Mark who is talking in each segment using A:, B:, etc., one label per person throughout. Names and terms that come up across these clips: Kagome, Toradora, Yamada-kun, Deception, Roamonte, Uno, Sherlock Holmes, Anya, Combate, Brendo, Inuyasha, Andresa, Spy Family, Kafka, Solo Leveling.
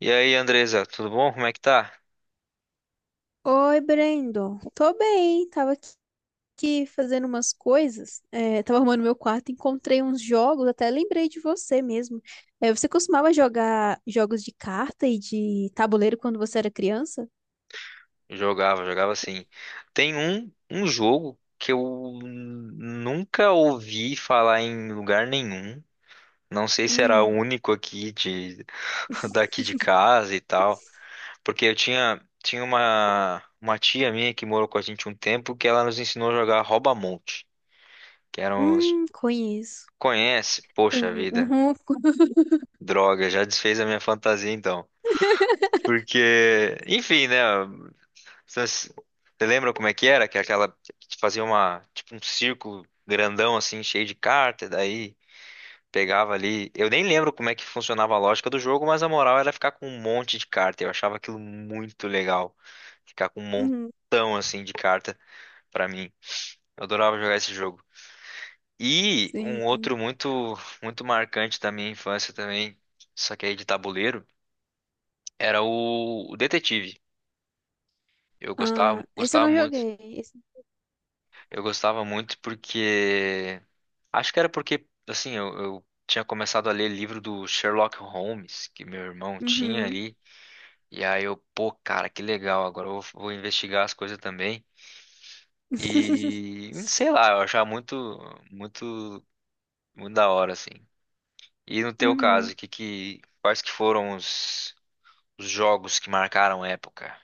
A: E aí, Andresa, tudo bom? Como é que tá?
B: Oi, Brendo. Tô bem, tava aqui fazendo umas coisas, é, tava arrumando meu quarto, encontrei uns jogos, até lembrei de você mesmo. É, você costumava jogar jogos de carta e de tabuleiro quando você era criança?
A: Jogava, jogava assim. Tem um jogo que eu nunca ouvi falar em lugar nenhum. Não sei se era o
B: Hum,
A: único aqui de daqui de casa e tal, porque eu tinha uma tia minha que morou com a gente um tempo que ela nos ensinou a jogar rouba-monte, que eram os
B: conheço.
A: conhece,
B: Com,
A: poxa vida,
B: uhum, com,
A: droga, já desfez a minha fantasia então. Porque, enfim, né? Vocês- Você lembra como é que era? Que é aquela que fazia uma, tipo um círculo grandão assim, cheio de carta, daí pegava ali. Eu nem lembro como é que funcionava a lógica do jogo, mas a moral era ficar com um monte de carta. Eu achava aquilo muito legal. Ficar com um
B: uhum,
A: montão assim de carta pra mim. Eu adorava jogar esse jogo. E um
B: sim.
A: outro muito muito marcante da minha infância também, só que aí de tabuleiro, era o Detetive. Eu
B: Ah,
A: gostava,
B: esse eu
A: gostava
B: não
A: muito.
B: joguei. Esse,
A: Eu gostava muito porque. Acho que era porque, assim, eu tinha começado a ler livro do Sherlock Holmes, que meu irmão tinha
B: uhum.
A: ali. E aí eu, pô, cara, que legal, agora eu vou, vou investigar as coisas também. E sei lá, eu achava muito, muito, muito da hora, assim. E no teu
B: Uhum.
A: caso, quais que foram os jogos que marcaram a época?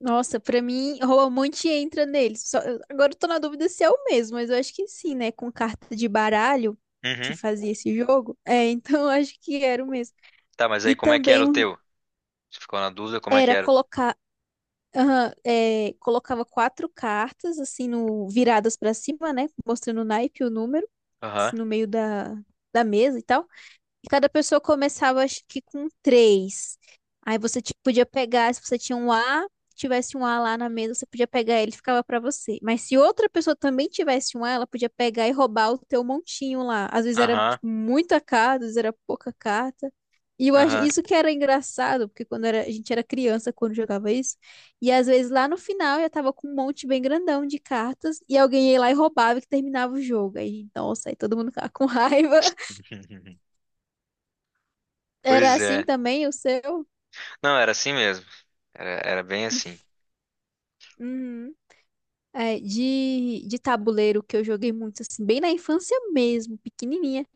B: Nossa, pra mim, Roamonte entra neles. Agora eu tô na dúvida se é o mesmo, mas eu acho que sim, né? Com carta de baralho que
A: Uhum.
B: fazia esse jogo. É, então eu acho que era o mesmo.
A: Tá, mas aí
B: E
A: como é que era
B: também
A: o teu? Você ficou na dúvida como é que
B: era
A: era?
B: colocar. Aham, é, colocava quatro cartas, assim, no, viradas pra cima, né? Mostrando o naipe, o número,
A: Aham,
B: assim, no meio da, da mesa e tal. E cada pessoa começava, acho que com três. Aí você podia pegar, se você tinha um A, tivesse um A lá na mesa, você podia pegar ele, ficava pra você. Mas se outra pessoa também tivesse um A, ela podia pegar e roubar o teu montinho lá. Às vezes era,
A: aham,
B: tipo, muita carta, às vezes era pouca carta. E eu acho,
A: aham.
B: isso que era engraçado, porque quando era, a gente era criança, quando jogava isso, e às vezes lá no final já tava com um monte bem grandão de cartas, e alguém ia lá e roubava que terminava o jogo. Aí, nossa, aí todo mundo ficava com raiva. Era
A: Pois
B: assim
A: é.
B: também o seu?
A: Não, era assim mesmo. Era, era bem assim.
B: Uhum. É, de tabuleiro que eu joguei muito, assim, bem na infância mesmo, pequenininha.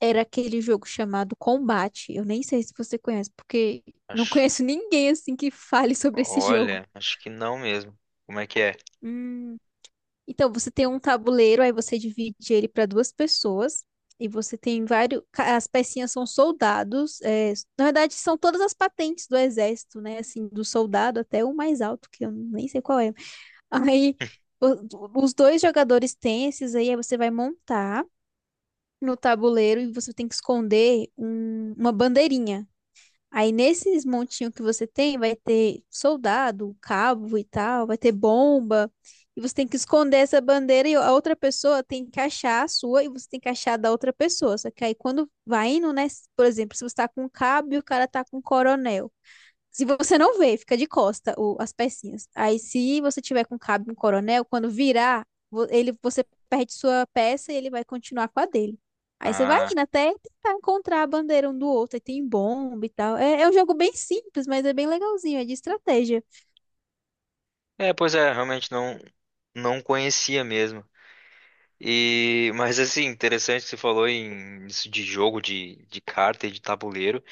B: Era aquele jogo chamado Combate. Eu nem sei se você conhece, porque não
A: Acho,
B: conheço ninguém, assim, que fale sobre esse jogo.
A: olha, acho que não mesmo. Como é que é?
B: Hum. Então, você tem um tabuleiro, aí você divide ele para duas pessoas. E você tem vários. As pecinhas são soldados. É, na verdade, são todas as patentes do exército, né? Assim, do soldado até o mais alto, que eu nem sei qual é. Aí os dois jogadores têm esses aí, aí você vai montar no tabuleiro e você tem que esconder uma bandeirinha. Aí nesses montinhos que você tem, vai ter soldado, cabo e tal, vai ter bomba. E você tem que esconder essa bandeira e a outra pessoa tem que achar a sua e você tem que achar a da outra pessoa. Só que aí quando vai indo, né? Por exemplo, se você tá com um cabo e o cara tá com um coronel. Se você não vê, fica de costa as pecinhas. Aí, se você tiver com cabo um coronel, quando virar, você perde sua peça e ele vai continuar com a dele. Aí você vai
A: Ah,
B: indo até tentar encontrar a bandeira um do outro. Aí tem bomba e tal. É, é um jogo bem simples, mas é bem legalzinho. É de estratégia.
A: é, pois é, realmente não não conhecia mesmo. E, mas assim, interessante que você falou em isso de jogo de carta e de tabuleiro,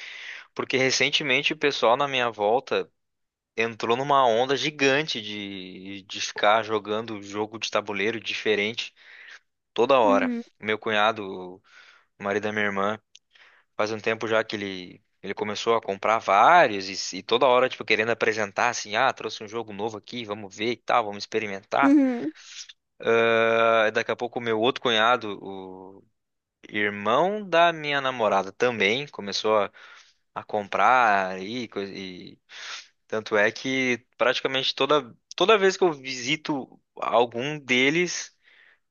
A: porque recentemente o pessoal na minha volta entrou numa onda gigante de ficar jogando jogo de tabuleiro diferente toda hora.
B: Uhum,
A: Meu cunhado, o marido da minha irmã, faz um tempo já que ele começou a comprar vários e toda hora, tipo, querendo apresentar assim, ah, trouxe um jogo novo aqui, vamos ver e tal, vamos experimentar.
B: uhum,
A: Ah, daqui a pouco o meu outro cunhado, o irmão da minha namorada também, começou a comprar e tanto é que praticamente toda, toda vez que eu visito algum deles,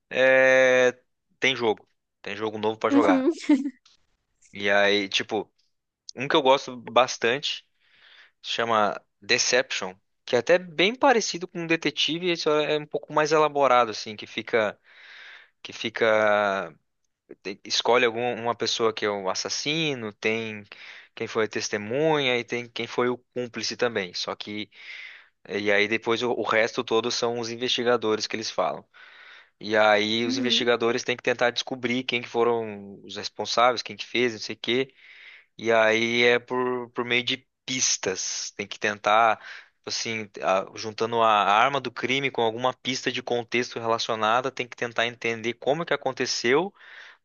A: é, tem jogo. Tem jogo novo pra jogar.
B: uhum,
A: E aí, tipo, um que eu gosto bastante se chama Deception, que é até bem parecido com um detetive, só é um pouco mais elaborado assim, que fica te- escolhe alguma uma pessoa que é o assassino, tem quem foi a testemunha e tem quem foi o cúmplice também. Só que E aí depois o resto todo são os investigadores que eles falam. E aí os
B: uhum,
A: investigadores têm que tentar descobrir quem que foram os responsáveis, quem que fez, não sei o quê. E aí é por meio de pistas. Tem que tentar, tipo assim, a- juntando a arma do crime com alguma pista de contexto relacionada, tem que tentar entender como que aconteceu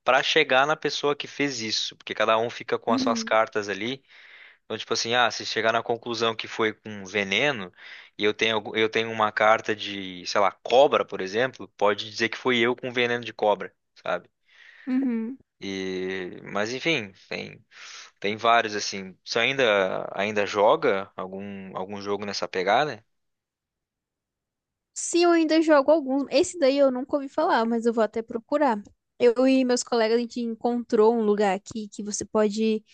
A: para chegar na pessoa que fez isso. Porque cada um fica com as suas
B: uhum,
A: cartas ali. Então, tipo assim, ah, se chegar na conclusão que foi com veneno, e eu tenho, algu- eu tenho uma carta de, sei lá, cobra, por exemplo, pode dizer que foi eu com veneno de cobra, sabe?
B: uhum.
A: E, mas enfim, tem tem vários assim. Você ainda joga algum jogo nessa pegada?
B: Sim, eu ainda jogo alguns. Esse daí eu nunca ouvi falar, mas eu vou até procurar. Eu e meus colegas, a gente encontrou um lugar aqui que você pode.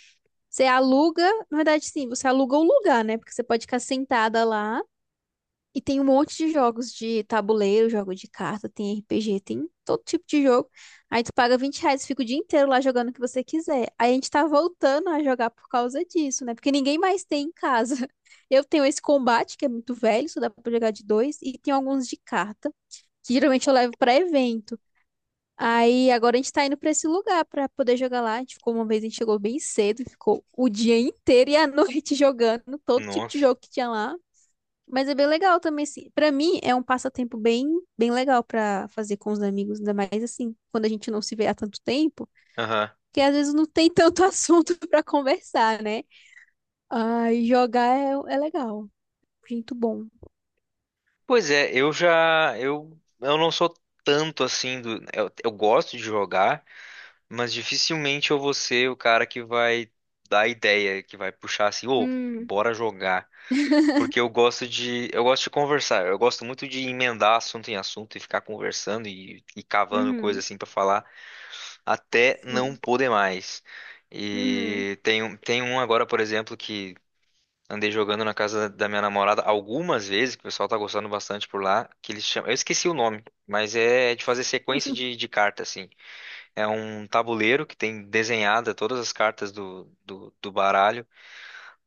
B: Você aluga, na verdade, sim, você aluga o lugar, né? Porque você pode ficar sentada lá e tem um monte de jogos de tabuleiro, jogo de carta, tem RPG, tem todo tipo de jogo. Aí tu paga R$ 20 e fica o dia inteiro lá jogando o que você quiser. Aí a gente tá voltando a jogar por causa disso, né? Porque ninguém mais tem em casa. Eu tenho esse combate, que é muito velho, só dá pra jogar de dois, e tem alguns de carta, que geralmente eu levo pra evento. Aí agora a gente tá indo pra esse lugar pra poder jogar lá. A gente ficou uma vez, a gente chegou bem cedo, ficou o dia inteiro e a noite jogando todo tipo de
A: Nossa.
B: jogo que tinha lá. Mas é bem legal também, assim. Pra mim é um passatempo bem, bem legal pra fazer com os amigos, ainda mais assim, quando a gente não se vê há tanto tempo,
A: Aham.
B: que às vezes não tem tanto assunto pra conversar, né? Ai, jogar é, é legal, muito bom.
A: Pois é, eu já eu não sou tanto assim do eu gosto de jogar, mas dificilmente eu vou ser o cara que vai dar ideia, que vai puxar assim, ô,
B: Hum,
A: bora jogar. Porque eu gosto de conversar, eu gosto muito de emendar assunto em assunto e ficar conversando e cavando coisa
B: uhum,
A: assim pra falar, até não
B: sim.
A: poder mais.
B: Uhum,
A: E tem um agora, por exemplo, que andei jogando na casa da minha namorada algumas vezes, que o pessoal tá gostando bastante por lá, que eles chamam, eu esqueci o nome, mas é de fazer sequência de, de carta, assim. É um tabuleiro que tem desenhada todas as cartas do baralho,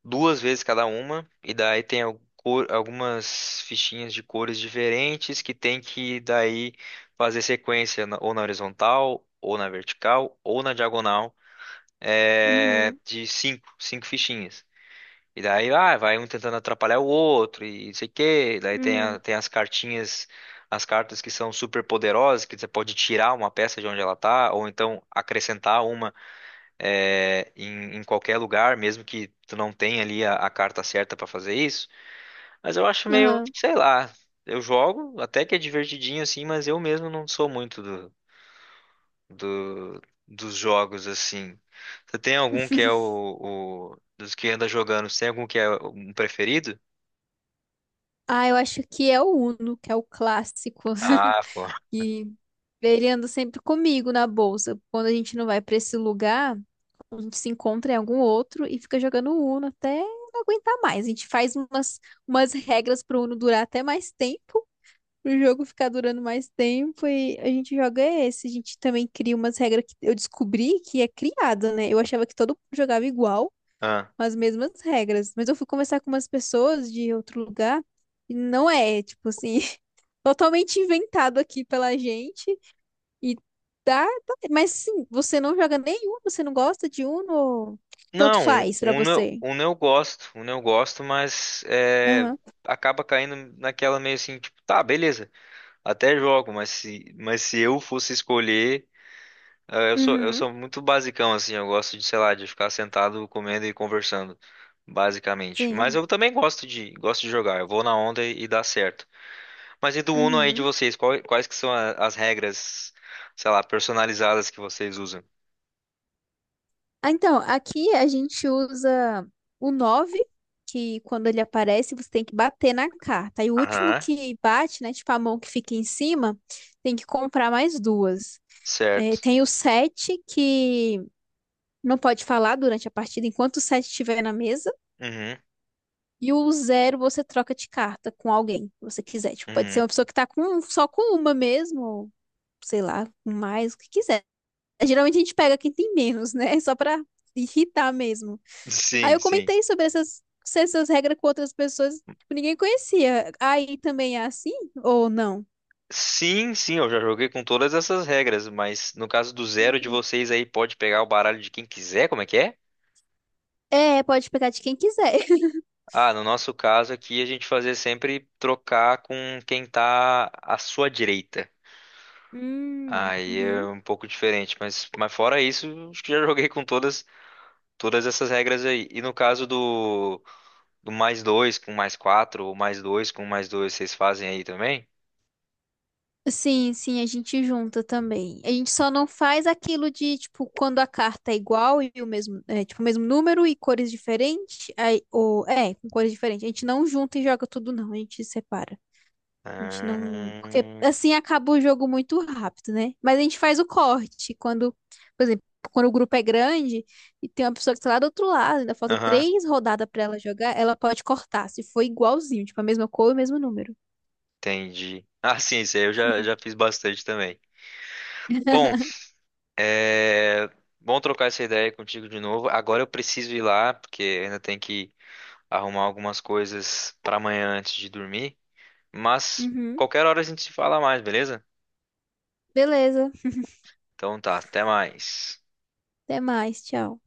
A: duas vezes cada uma, e daí tem al- cor- algumas fichinhas de cores diferentes que tem que daí fazer sequência na- ou na horizontal, ou na vertical, ou na diagonal é,
B: uhum,
A: de cinco, cinco fichinhas. E daí ah, vai um tentando atrapalhar o outro e não sei o quê. Daí tem, a-
B: uhum,
A: tem as cartinhas, as cartas que são super poderosas, que você pode tirar uma peça de onde ela tá, ou então acrescentar uma é, em qualquer lugar, mesmo que tu não tenha ali a carta certa para fazer isso. Mas eu acho meio,
B: uhum.
A: sei lá, eu jogo até que é divertidinho assim, mas eu mesmo não sou muito do, dos jogos, assim. Você tem algum que é dos que anda jogando, você tem algum que é um preferido?
B: Ah, eu acho que é o Uno, que é o clássico.
A: Ah, pô.
B: E ele anda sempre comigo na bolsa. Quando a gente não vai pra esse lugar, a gente se encontra em algum outro e fica jogando Uno até não aguentar mais. A gente faz umas regras pro Uno durar até mais tempo, pro jogo ficar durando mais tempo e a gente joga esse. A gente também cria umas regras que eu descobri que é criada, né? Eu achava que todo mundo jogava igual
A: Ah.
B: com as mesmas regras. Mas eu fui conversar com umas pessoas de outro lugar e não é, tipo assim, totalmente inventado aqui pela gente. E mas sim, você não joga nenhum, você não gosta de Uno, tanto
A: Não,
B: faz pra você.
A: Uno eu gosto, mas é,
B: Aham.
A: acaba caindo naquela meio assim, tipo, tá, beleza, até jogo, mas se eu fosse escolher, eu
B: Uhum.
A: sou muito basicão, assim, eu gosto de, sei lá, de ficar sentado comendo e conversando, basicamente. Mas
B: Sim.
A: eu também gosto de jogar, eu vou na onda e dá certo. Mas e do Uno aí de
B: Uhum.
A: vocês? Quais que são a- as regras, sei lá, personalizadas que vocês usam?
B: Ah, então, aqui a gente usa o 9 que quando ele aparece, você tem que bater na carta. E o último
A: Aham,
B: que bate, né, tipo a mão que fica em cima, tem que comprar mais duas. É,
A: certo.
B: tem o sete que não pode falar durante a partida enquanto o sete estiver na mesa.
A: Uhum,
B: E o zero você troca de carta com alguém que você quiser. Tipo, pode ser
A: uhum.
B: uma pessoa que tá com, um, só com uma mesmo, ou sei lá, com mais, o que quiser. Geralmente a gente pega quem tem menos, né? Só pra irritar mesmo. Aí
A: Sim,
B: eu
A: sim.
B: comentei sobre essas regras com outras pessoas que ninguém conhecia. Aí também é assim ou não?
A: Sim, sim, eu já joguei com todas essas regras, mas no caso do zero de vocês aí pode pegar o baralho de quem quiser, como é que é?
B: É, pode pegar de quem quiser.
A: Ah, no nosso caso aqui a gente fazia sempre trocar com quem tá à sua direita. Aí é
B: Uhum.
A: um pouco diferente, mas fora isso, acho que já joguei com todas, todas essas regras aí. E no caso do do mais dois com mais quatro, ou mais dois com mais dois, vocês fazem aí também?
B: Sim, sim, a gente junta também. A gente só não faz aquilo de, tipo, quando a carta é igual e o mesmo, é, tipo, o mesmo número e cores diferentes, aí, ou, é, com cores diferentes. A gente não junta e joga tudo, não. A gente separa. A gente não. Porque
A: Ah,
B: assim acaba o jogo muito rápido, né? Mas a gente faz o corte. Quando, por exemplo, quando o grupo é grande e tem uma pessoa que tá lá do outro lado, ainda falta
A: aham,
B: três rodadas pra ela jogar, ela pode cortar, se for igualzinho, tipo, a mesma cor e o mesmo número.
A: entendi. Ah, sim, isso aí eu já, já fiz bastante também. Bom, é bom trocar essa ideia contigo de novo. Agora eu preciso ir lá, porque ainda tem que arrumar algumas coisas para amanhã antes de dormir. Mas
B: Uhum.
A: qualquer hora a gente se fala mais, beleza?
B: Beleza.
A: Então tá, até mais.
B: Até mais. Tchau.